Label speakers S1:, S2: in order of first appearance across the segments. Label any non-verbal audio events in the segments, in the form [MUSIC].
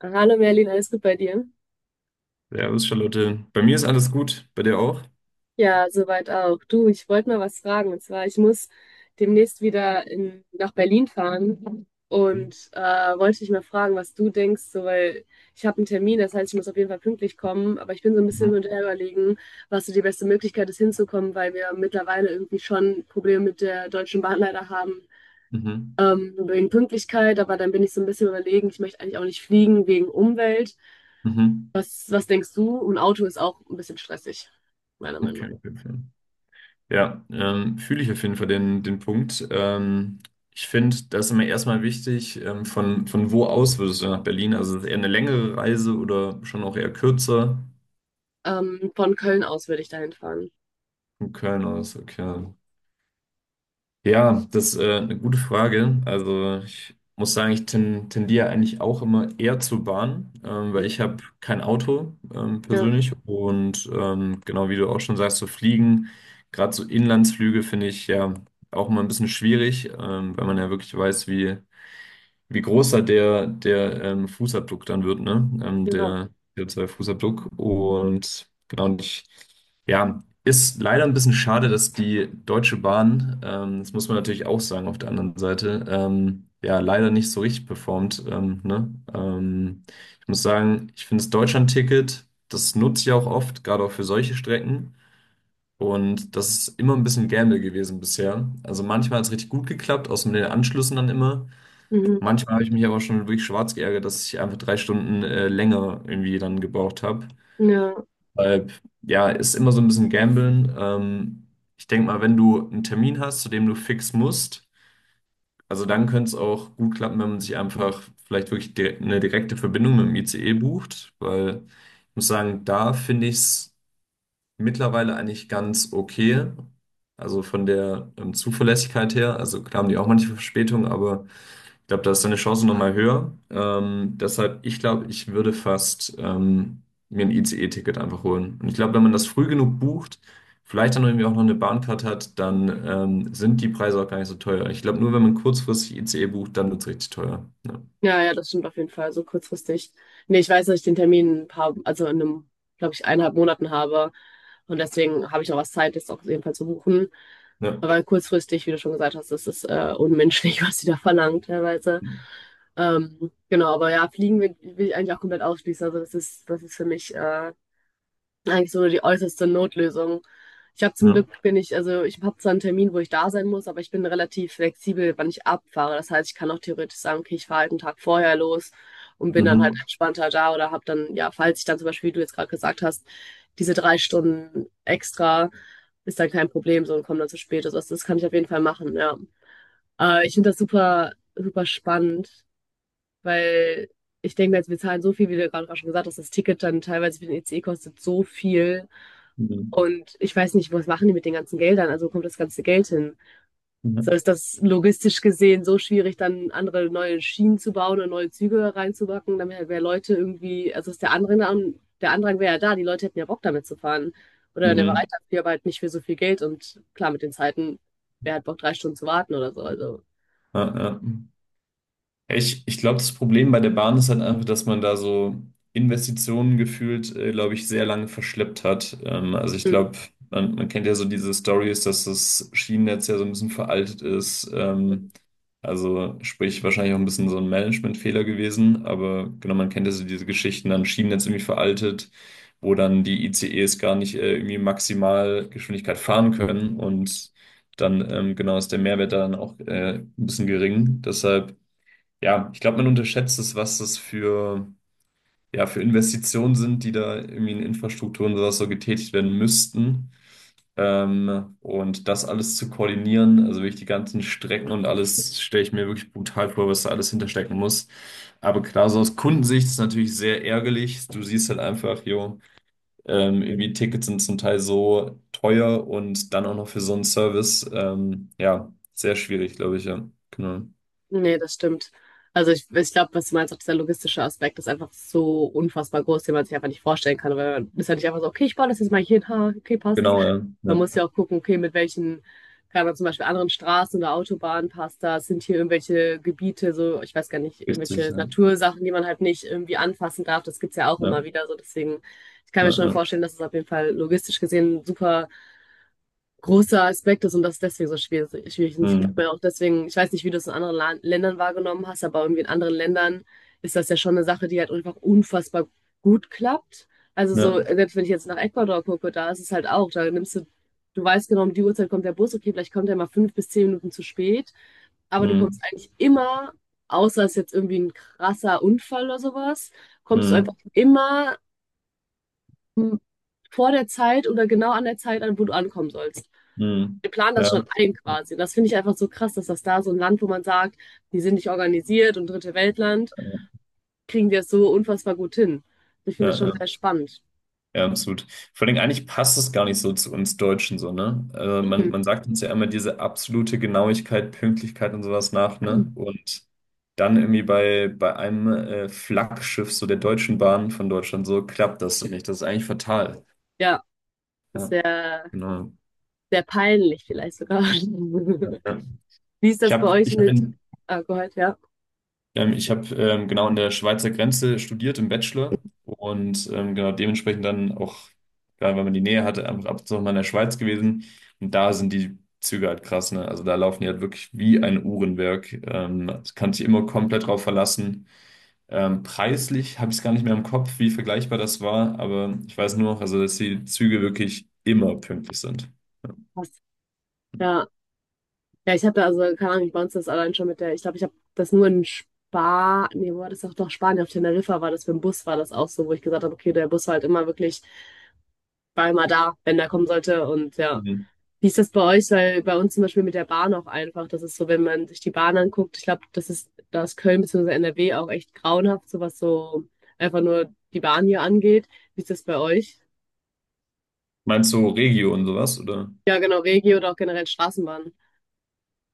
S1: Hallo Merlin, alles gut bei dir?
S2: Servus, Charlotte. Bei mir ist alles gut, bei dir auch?
S1: Ja, soweit auch. Du, ich wollte mal was fragen. Und zwar, ich muss demnächst wieder nach Berlin fahren und wollte dich mal fragen, was du denkst, so, weil ich habe einen Termin, das heißt, ich muss auf jeden Fall pünktlich kommen, aber ich bin so ein bisschen
S2: Mhm.
S1: hin und her überlegen, was so die beste Möglichkeit ist, hinzukommen, weil wir mittlerweile irgendwie schon Probleme mit der Deutschen Bahn leider haben.
S2: Mhm.
S1: Wegen Pünktlichkeit, aber dann bin ich so ein bisschen überlegen, ich möchte eigentlich auch nicht fliegen wegen Umwelt.
S2: Mhm.
S1: Was denkst du? Und Auto ist auch ein bisschen stressig, meiner Meinung nach.
S2: Okay, auf jeden Fall. Ja, fühle ich auf jeden Fall den Punkt. Ich finde, das ist immer erstmal wichtig, von wo aus würdest du nach Berlin? Also ist es eher eine längere Reise oder schon auch eher kürzer?
S1: Von Köln aus würde ich dahin fahren.
S2: Von Köln aus, okay. Ja, das ist eine gute Frage. Also ich muss sagen, tendiere eigentlich auch immer eher zur Bahn, weil ich habe kein Auto
S1: Ja,
S2: persönlich und genau wie du auch schon sagst, so fliegen, gerade so Inlandsflüge finde ich ja auch immer ein bisschen schwierig, weil man ja wirklich weiß, wie groß halt der Fußabdruck dann wird, ne?
S1: ja,
S2: Der CO2-Fußabdruck. Und genau, und ich, ja, ist leider ein bisschen schade, dass die Deutsche Bahn, das muss man natürlich auch sagen auf der anderen Seite, ja, leider nicht so richtig performt, ne? Ich muss sagen, ich finde das Deutschland-Ticket, das nutze ich auch oft, gerade auch für solche Strecken. Und das ist immer ein bisschen Gamble gewesen bisher. Also manchmal hat es richtig gut geklappt, außer mit den Anschlüssen dann immer.
S1: mhm,
S2: Manchmal habe ich mich aber schon wirklich schwarz geärgert, dass ich einfach 3 Stunden länger irgendwie dann gebraucht habe.
S1: ja.
S2: Weil, ja, ist immer so ein bisschen Gamblen. Ich denke mal, wenn du einen Termin hast, zu dem du fix musst, also dann könnte es auch gut klappen, wenn man sich einfach vielleicht wirklich dire eine direkte Verbindung mit dem ICE bucht. Weil ich muss sagen, da finde ich es mittlerweile eigentlich ganz okay. Also von der Zuverlässigkeit her. Also klar haben die auch manche Verspätungen, aber. Ich glaube, da ist deine Chance nochmal höher. Deshalb, ich glaube, ich würde fast mir ein ICE-Ticket einfach holen. Und ich glaube, wenn man das früh genug bucht, vielleicht dann irgendwie auch noch eine Bahncard hat, dann sind die Preise auch gar nicht so teuer. Ich glaube, nur wenn man kurzfristig ICE bucht, dann wird es richtig teuer. Ja.
S1: Ja, ja, das stimmt auf jeden Fall, so kurzfristig. Nee, ich weiß, dass ich den Termin in ein paar, also in einem, glaube ich, eineinhalb Monaten habe. Und deswegen habe ich noch was Zeit, jetzt auch auf jeden Fall zu buchen.
S2: Ja.
S1: Aber kurzfristig, wie du schon gesagt hast, das ist unmenschlich, [LAUGHS] was sie da verlangen teilweise. Genau, aber ja, Fliegen will ich eigentlich auch komplett ausschließen. Also das ist für mich eigentlich so die äußerste Notlösung. Ich habe zum
S2: Ja.
S1: Glück bin ich, also ich habe zwar einen Termin, wo ich da sein muss, aber ich bin relativ flexibel, wann ich abfahre. Das heißt, ich kann auch theoretisch sagen, okay, ich fahre halt einen Tag vorher los und bin dann halt
S2: Mhm.
S1: entspannter da oder habe dann, ja, falls ich dann zum Beispiel, wie du jetzt gerade gesagt hast, diese 3 Stunden extra, ist dann kein Problem so und komme dann zu spät. Also das kann ich auf jeden Fall machen, ja. Ich finde das super, super spannend. Weil ich denke mir jetzt, wir zahlen so viel, wie du ja gerade auch schon gesagt hast, das Ticket dann teilweise für den ICE kostet so viel.
S2: Mhm.
S1: Und ich weiß nicht, was machen die mit den ganzen Geldern? Also wo kommt das ganze Geld hin? So
S2: Mhm.
S1: ist das logistisch gesehen so schwierig, dann andere neue Schienen zu bauen und neue Züge reinzubacken, damit halt mehr Leute irgendwie, also ist der Andrang wäre ja da, die Leute hätten ja Bock damit zu fahren. Oder der
S2: Mhm.
S1: Bereitschaft, dafür, aber halt nicht für so viel Geld und klar, mit den Zeiten, wer hat Bock, 3 Stunden zu warten oder so. Also,
S2: Ja, ja. Ja, ich glaube, das Problem bei der Bahn ist halt einfach, dass man da so Investitionen gefühlt, glaube ich, sehr lange verschleppt hat. Also ich
S1: mm.
S2: glaube, man kennt ja so diese Stories, dass das Schienennetz ja so ein bisschen veraltet ist. Also sprich, wahrscheinlich auch ein bisschen so ein Managementfehler gewesen. Aber genau, man kennt ja so diese Geschichten, dann Schienennetz irgendwie veraltet, wo dann die ICEs gar nicht, irgendwie maximal Geschwindigkeit fahren können und dann genau ist der Mehrwert dann auch ein bisschen gering. Deshalb ja, ich glaube, man unterschätzt es, was das für, ja, für Investitionen sind, die da irgendwie in Infrastrukturen und sowas so getätigt werden müssten. Und das alles zu koordinieren, also wirklich die ganzen Strecken und alles, stelle ich mir wirklich brutal vor, was da alles hinterstecken muss. Aber klar, so aus Kundensicht ist es natürlich sehr ärgerlich. Du siehst halt einfach, jo, irgendwie Tickets sind zum Teil so teuer und dann auch noch für so einen Service. Ja, sehr schwierig, glaube ich, ja. Genau.
S1: Nee, das stimmt. Also ich glaube, was du meinst, auch dieser logistische Aspekt ist einfach so unfassbar groß, den man sich einfach nicht vorstellen kann. Weil man ist ja nicht einfach so, okay, ich baue das jetzt mal hier hin, ha, okay, passt.
S2: Genau, ja.
S1: Man
S2: Ja,
S1: muss ja auch gucken, okay, mit welchen, kann man zum Beispiel anderen Straßen oder Autobahnen passt das, sind hier irgendwelche Gebiete, so, ich weiß gar nicht,
S2: richtig,
S1: irgendwelche
S2: ja.
S1: Natursachen, die man halt nicht irgendwie anfassen darf. Das gibt's ja auch
S2: Ja.
S1: immer wieder so. Deswegen, ich kann mir
S2: Ja,
S1: schon
S2: ja,
S1: vorstellen, dass es auf jeden Fall logistisch gesehen super großer Aspekt ist und das ist deswegen so schwierig schwierig ist. Ich
S2: mhm,
S1: glaube ja auch deswegen, ich weiß nicht, wie du es in anderen La Ländern wahrgenommen hast, aber irgendwie in anderen Ländern ist das ja schon eine Sache, die halt einfach unfassbar gut klappt. Also so,
S2: ja,
S1: selbst wenn ich jetzt nach Ecuador gucke, da ist es halt auch, da nimmst du, du weißt genau, um die Uhrzeit kommt der Bus, okay, vielleicht kommt er mal 5 bis 10 Minuten zu spät, aber du
S2: mhm,
S1: kommst eigentlich immer, außer es ist jetzt irgendwie ein krasser Unfall oder sowas, kommst du einfach
S2: mhm,
S1: immer m, vor der Zeit oder genau an der Zeit an, wo du ankommen sollst,
S2: mhm,
S1: die planen das
S2: ja,
S1: schon ein quasi. Und das finde ich einfach so krass, dass das da so ein Land, wo man sagt, die sind nicht organisiert und Dritte Weltland, kriegen die das so unfassbar gut hin. Ich
S2: ja,
S1: finde das schon
S2: ja,
S1: sehr spannend.
S2: ja, absolut. Vor allem eigentlich passt es gar nicht so zu uns Deutschen so, ne? Also man,
S1: Eben.
S2: man sagt uns ja immer diese absolute Genauigkeit, Pünktlichkeit und sowas nach, ne? Und dann irgendwie bei einem Flaggschiff so der Deutschen Bahn von Deutschland so klappt das so nicht. Das ist eigentlich fatal.
S1: Ja, das ist
S2: Ja,
S1: sehr,
S2: genau.
S1: sehr peinlich vielleicht sogar. [LAUGHS]
S2: Ja, ja.
S1: Wie ist
S2: Ich
S1: das bei
S2: habe
S1: euch
S2: ich hab
S1: mit
S2: in,
S1: Alkohol? Ja,
S2: Ich habe genau an der Schweizer Grenze studiert im Bachelor und genau dementsprechend dann auch, gerade weil man die Nähe hatte, einfach ab und zu mal in der Schweiz gewesen. Und da sind die Züge halt krass, ne? Also da laufen die halt wirklich wie ein Uhrenwerk. Das kann sich immer komplett drauf verlassen. Preislich habe ich es gar nicht mehr im Kopf, wie vergleichbar das war, aber ich weiß nur noch, also dass die Züge wirklich immer pünktlich sind.
S1: passt. Ja, ja, ich habe da also, keine Ahnung, ich bei uns das allein schon mit der, ich glaube, ich habe das nur in Spa, nee, wo war das doch, doch Spanien, auf Teneriffa war das, für den Bus war das auch so, wo ich gesagt habe, okay, der Bus war halt immer wirklich, war immer da, wenn der kommen sollte und ja.
S2: Mhm.
S1: Wie ist das bei euch? Weil bei uns zum Beispiel mit der Bahn auch einfach, das ist so, wenn man sich die Bahn anguckt, ich glaube, das ist, da ist Köln bzw. NRW auch echt grauenhaft, so was so einfach nur die Bahn hier angeht. Wie ist das bei euch?
S2: Meinst du Regio und sowas, oder?
S1: Ja, genau, Regi oder auch generell Straßenbahn.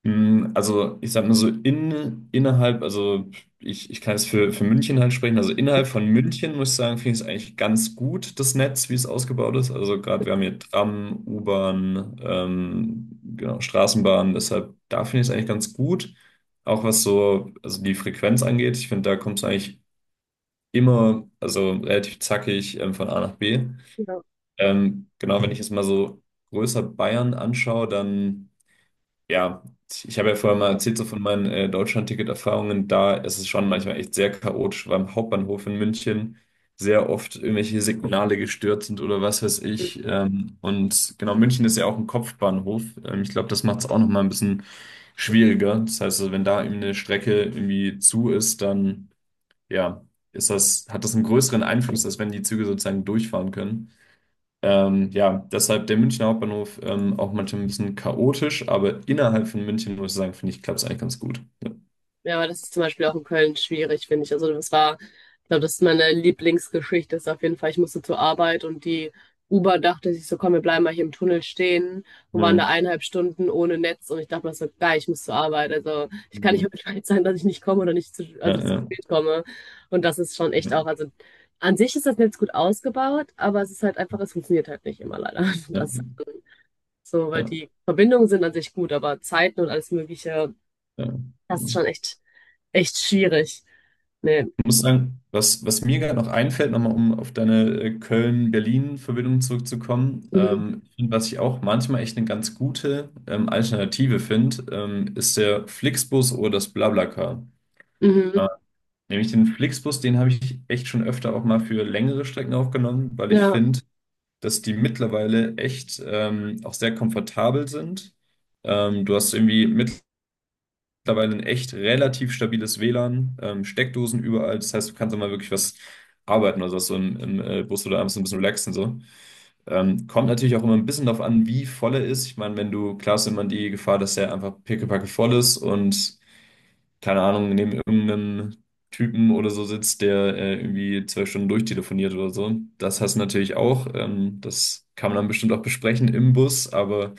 S2: Also ich sag mal so innerhalb, also ich kann jetzt für München halt sprechen, also innerhalb von München muss ich sagen, finde ich es eigentlich ganz gut, das Netz, wie es ausgebaut ist. Also gerade wir haben hier Tram, U-Bahn, genau, Straßenbahn, deshalb da finde ich es eigentlich ganz gut. Auch was so, also die Frequenz angeht, ich finde, da kommt es eigentlich immer, also relativ zackig von A nach B.
S1: Ja.
S2: Genau, wenn ich jetzt mal so größer Bayern anschaue, dann ja, ich habe ja vorher mal erzählt, so von meinen Deutschland-Ticket-Erfahrungen. Da ist es schon manchmal echt sehr chaotisch, weil am Hauptbahnhof in München sehr oft irgendwelche Signale gestört sind oder was weiß ich. Und genau, München ist ja auch ein Kopfbahnhof. Ich glaube, das macht es auch nochmal ein bisschen schwieriger. Das heißt, also, wenn da eben eine Strecke irgendwie zu ist, dann ja, hat das einen größeren Einfluss, als wenn die Züge sozusagen durchfahren können. Ja, deshalb der Münchner Hauptbahnhof auch manchmal ein bisschen chaotisch, aber innerhalb von München muss ich sagen, finde ich, klappt es eigentlich ganz gut. Ja.
S1: Ja, aber das ist zum Beispiel auch in Köln schwierig, finde ich. Also das war, ich glaube, das ist meine Lieblingsgeschichte, ist auf jeden Fall, ich musste zur Arbeit und die Uber dachte sich so, komm, wir bleiben mal hier im Tunnel stehen und waren da
S2: Mhm.
S1: eineinhalb Stunden ohne Netz und ich dachte mir so, geil, ich muss zur Arbeit. Also ich kann nicht [LAUGHS]
S2: Mhm.
S1: bescheid sein, dass ich nicht komme oder nicht zu,
S2: Ja,
S1: also zu
S2: ja,
S1: spät komme. Und das ist schon echt
S2: ja,
S1: auch, also an sich ist das Netz gut ausgebaut, aber es ist halt einfach, es funktioniert halt nicht immer leider. [LAUGHS] Und
S2: ja,
S1: das ist so, weil
S2: ja,
S1: die Verbindungen sind an sich gut, aber Zeiten und alles Mögliche,
S2: ja,
S1: das ist
S2: genau.
S1: schon echt, echt schwierig. Nee.
S2: Ich muss sagen, was mir gerade noch einfällt, nochmal um auf deine Köln-Berlin-Verbindung zurückzukommen,
S1: Mhm.
S2: ich find, was ich auch manchmal echt eine ganz gute Alternative finde, ist der Flixbus oder das BlaBlaCar.
S1: Mhm.
S2: Nämlich den Flixbus, den habe ich echt schon öfter auch mal für längere Strecken aufgenommen, weil ich
S1: Ja.
S2: finde, dass die mittlerweile echt auch sehr komfortabel sind. Du hast irgendwie mittlerweile ein echt relativ stabiles WLAN, Steckdosen überall. Das heißt, du kannst auch mal wirklich was arbeiten oder so im Bus oder abends ein bisschen relaxen. So. Kommt natürlich auch immer ein bisschen darauf an, wie voll er ist. Ich meine, wenn du, klar ist immer die Gefahr, dass der einfach pickepacke voll ist und keine Ahnung, neben irgendeinem Typen oder so sitzt, der irgendwie 12 Stunden durchtelefoniert oder so. Das hast du natürlich auch. Das kann man dann bestimmt auch besprechen im Bus, aber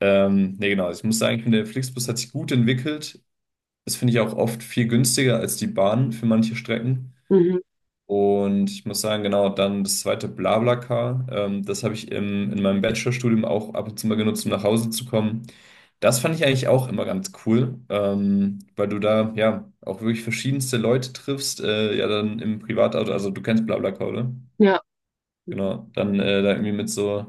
S2: nee, genau. Ich muss sagen, ich finde, der Flixbus hat sich gut entwickelt. Das finde ich auch oft viel günstiger als die Bahn für manche Strecken.
S1: Mhm.
S2: Und ich muss sagen, genau, dann das zweite BlaBlaCar, das habe ich in meinem Bachelorstudium auch ab und zu mal genutzt, um nach Hause zu kommen. Das fand ich eigentlich auch immer ganz cool, weil du da ja auch wirklich verschiedenste Leute triffst, ja dann im Privatauto, also du kennst BlaBlaCar, oder?
S1: Ja.
S2: Genau, dann da irgendwie mit so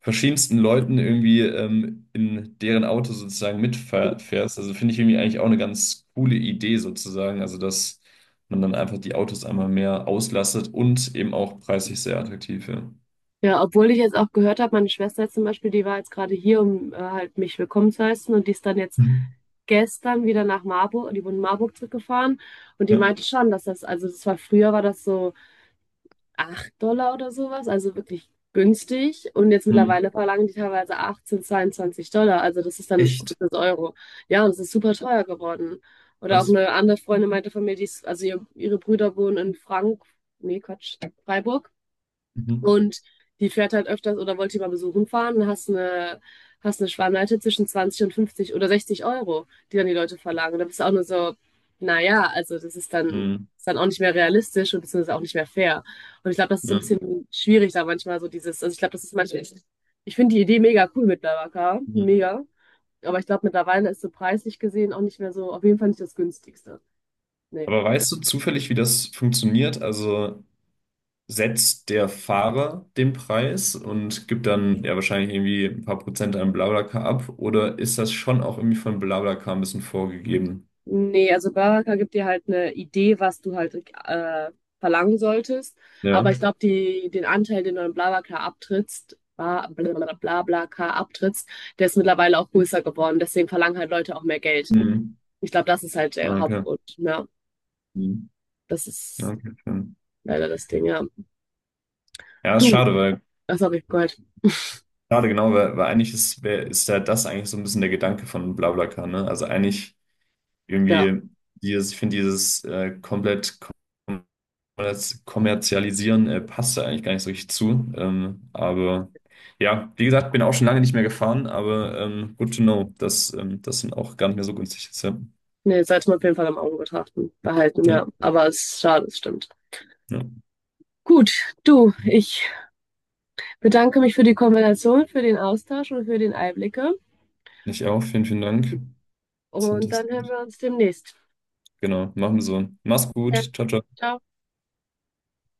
S2: verschiedensten Leuten irgendwie in deren Auto sozusagen mitfährst. Also finde ich irgendwie eigentlich auch eine ganz coole Idee sozusagen. Also dass man dann einfach die Autos einmal mehr auslastet und eben auch preislich sehr attraktiv. Ja.
S1: Ja, obwohl ich jetzt auch gehört habe, meine Schwester jetzt zum Beispiel, die war jetzt gerade hier, um halt mich willkommen zu heißen und die ist dann jetzt
S2: Mhm.
S1: gestern wieder nach Marburg, die wurde in Marburg zurückgefahren und die
S2: Ja.
S1: meinte schon, dass das, also das war früher war das so, acht Dollar oder sowas, also wirklich günstig. Und jetzt
S2: Mhm.
S1: mittlerweile verlangen die teilweise 18, 22 Dollar, also das ist dann
S2: Echt
S1: das Euro. Ja, und es ist super teuer geworden. Oder auch
S2: krass.
S1: eine andere Freundin meinte von mir, die ist, also ihre Brüder wohnen in Frank, nee, Quatsch, Freiburg.
S2: Mhm.
S1: Und die fährt halt öfters oder wollte die mal besuchen fahren und hast eine Schwarmleite zwischen 20 und 50 oder 60 Euro, die dann die Leute verlangen. Da bist du auch nur so, naja, also das ist dann,
S2: Mhm.
S1: ist dann auch nicht mehr realistisch und beziehungsweise auch nicht mehr fair. Und ich glaube, das ist so ein
S2: Ja.
S1: bisschen schwierig da manchmal so dieses, also ich glaube, das ist manchmal, ich finde die Idee mega cool mit Lavaka,
S2: Mhm.
S1: mega. Aber ich glaube, mittlerweile ist so preislich gesehen auch nicht mehr so, auf jeden Fall nicht das günstigste. Nee.
S2: Aber weißt du zufällig, wie das funktioniert? Also setzt der Fahrer den Preis und gibt dann ja wahrscheinlich irgendwie ein paar Prozent an BlaBlaCar ab oder ist das schon auch irgendwie von BlaBlaCar ein bisschen vorgegeben?
S1: Nee, also Baraka gibt dir halt eine Idee, was du halt äh, verlangen solltest. Aber
S2: Ja.
S1: ich glaube, die, den Anteil, den du in Blablacar abtrittst, der ist mittlerweile auch größer geworden. Deswegen verlangen halt Leute auch mehr Geld.
S2: Mhm.
S1: Ich glaube, das ist halt der
S2: Ah, okay.
S1: Hauptgrund. Ja,
S2: Mhm.
S1: das ist
S2: Okay, schön.
S1: leider das Ding, ja.
S2: Ja, ist
S1: Du,
S2: schade, weil
S1: ach, sorry, Gott.
S2: schade genau, weil eigentlich ist ja das eigentlich so ein bisschen der Gedanke von BlaBlaCar, ne? Also eigentlich
S1: Ja,
S2: irgendwie dieses, ich finde dieses komplett das Kommerzialisieren passt da eigentlich gar nicht so richtig zu. Aber ja, wie gesagt, bin auch schon lange nicht mehr gefahren, aber good to know, dass das sind auch gar nicht mehr so günstig ist. Ja,
S1: nee, sollte man auf jeden Fall im Auge betrachten, behalten,
S2: ja,
S1: ja. Aber es ist schade, es stimmt.
S2: ja.
S1: Gut, du, ich bedanke mich für die Kombination, für den Austausch und für den Einblicke.
S2: Ich auch, vielen, vielen Dank. Sind
S1: Und
S2: das-
S1: dann hören wir uns demnächst.
S2: Genau, machen wir so. Mach's
S1: Ja,
S2: gut, ciao, ciao.
S1: ciao.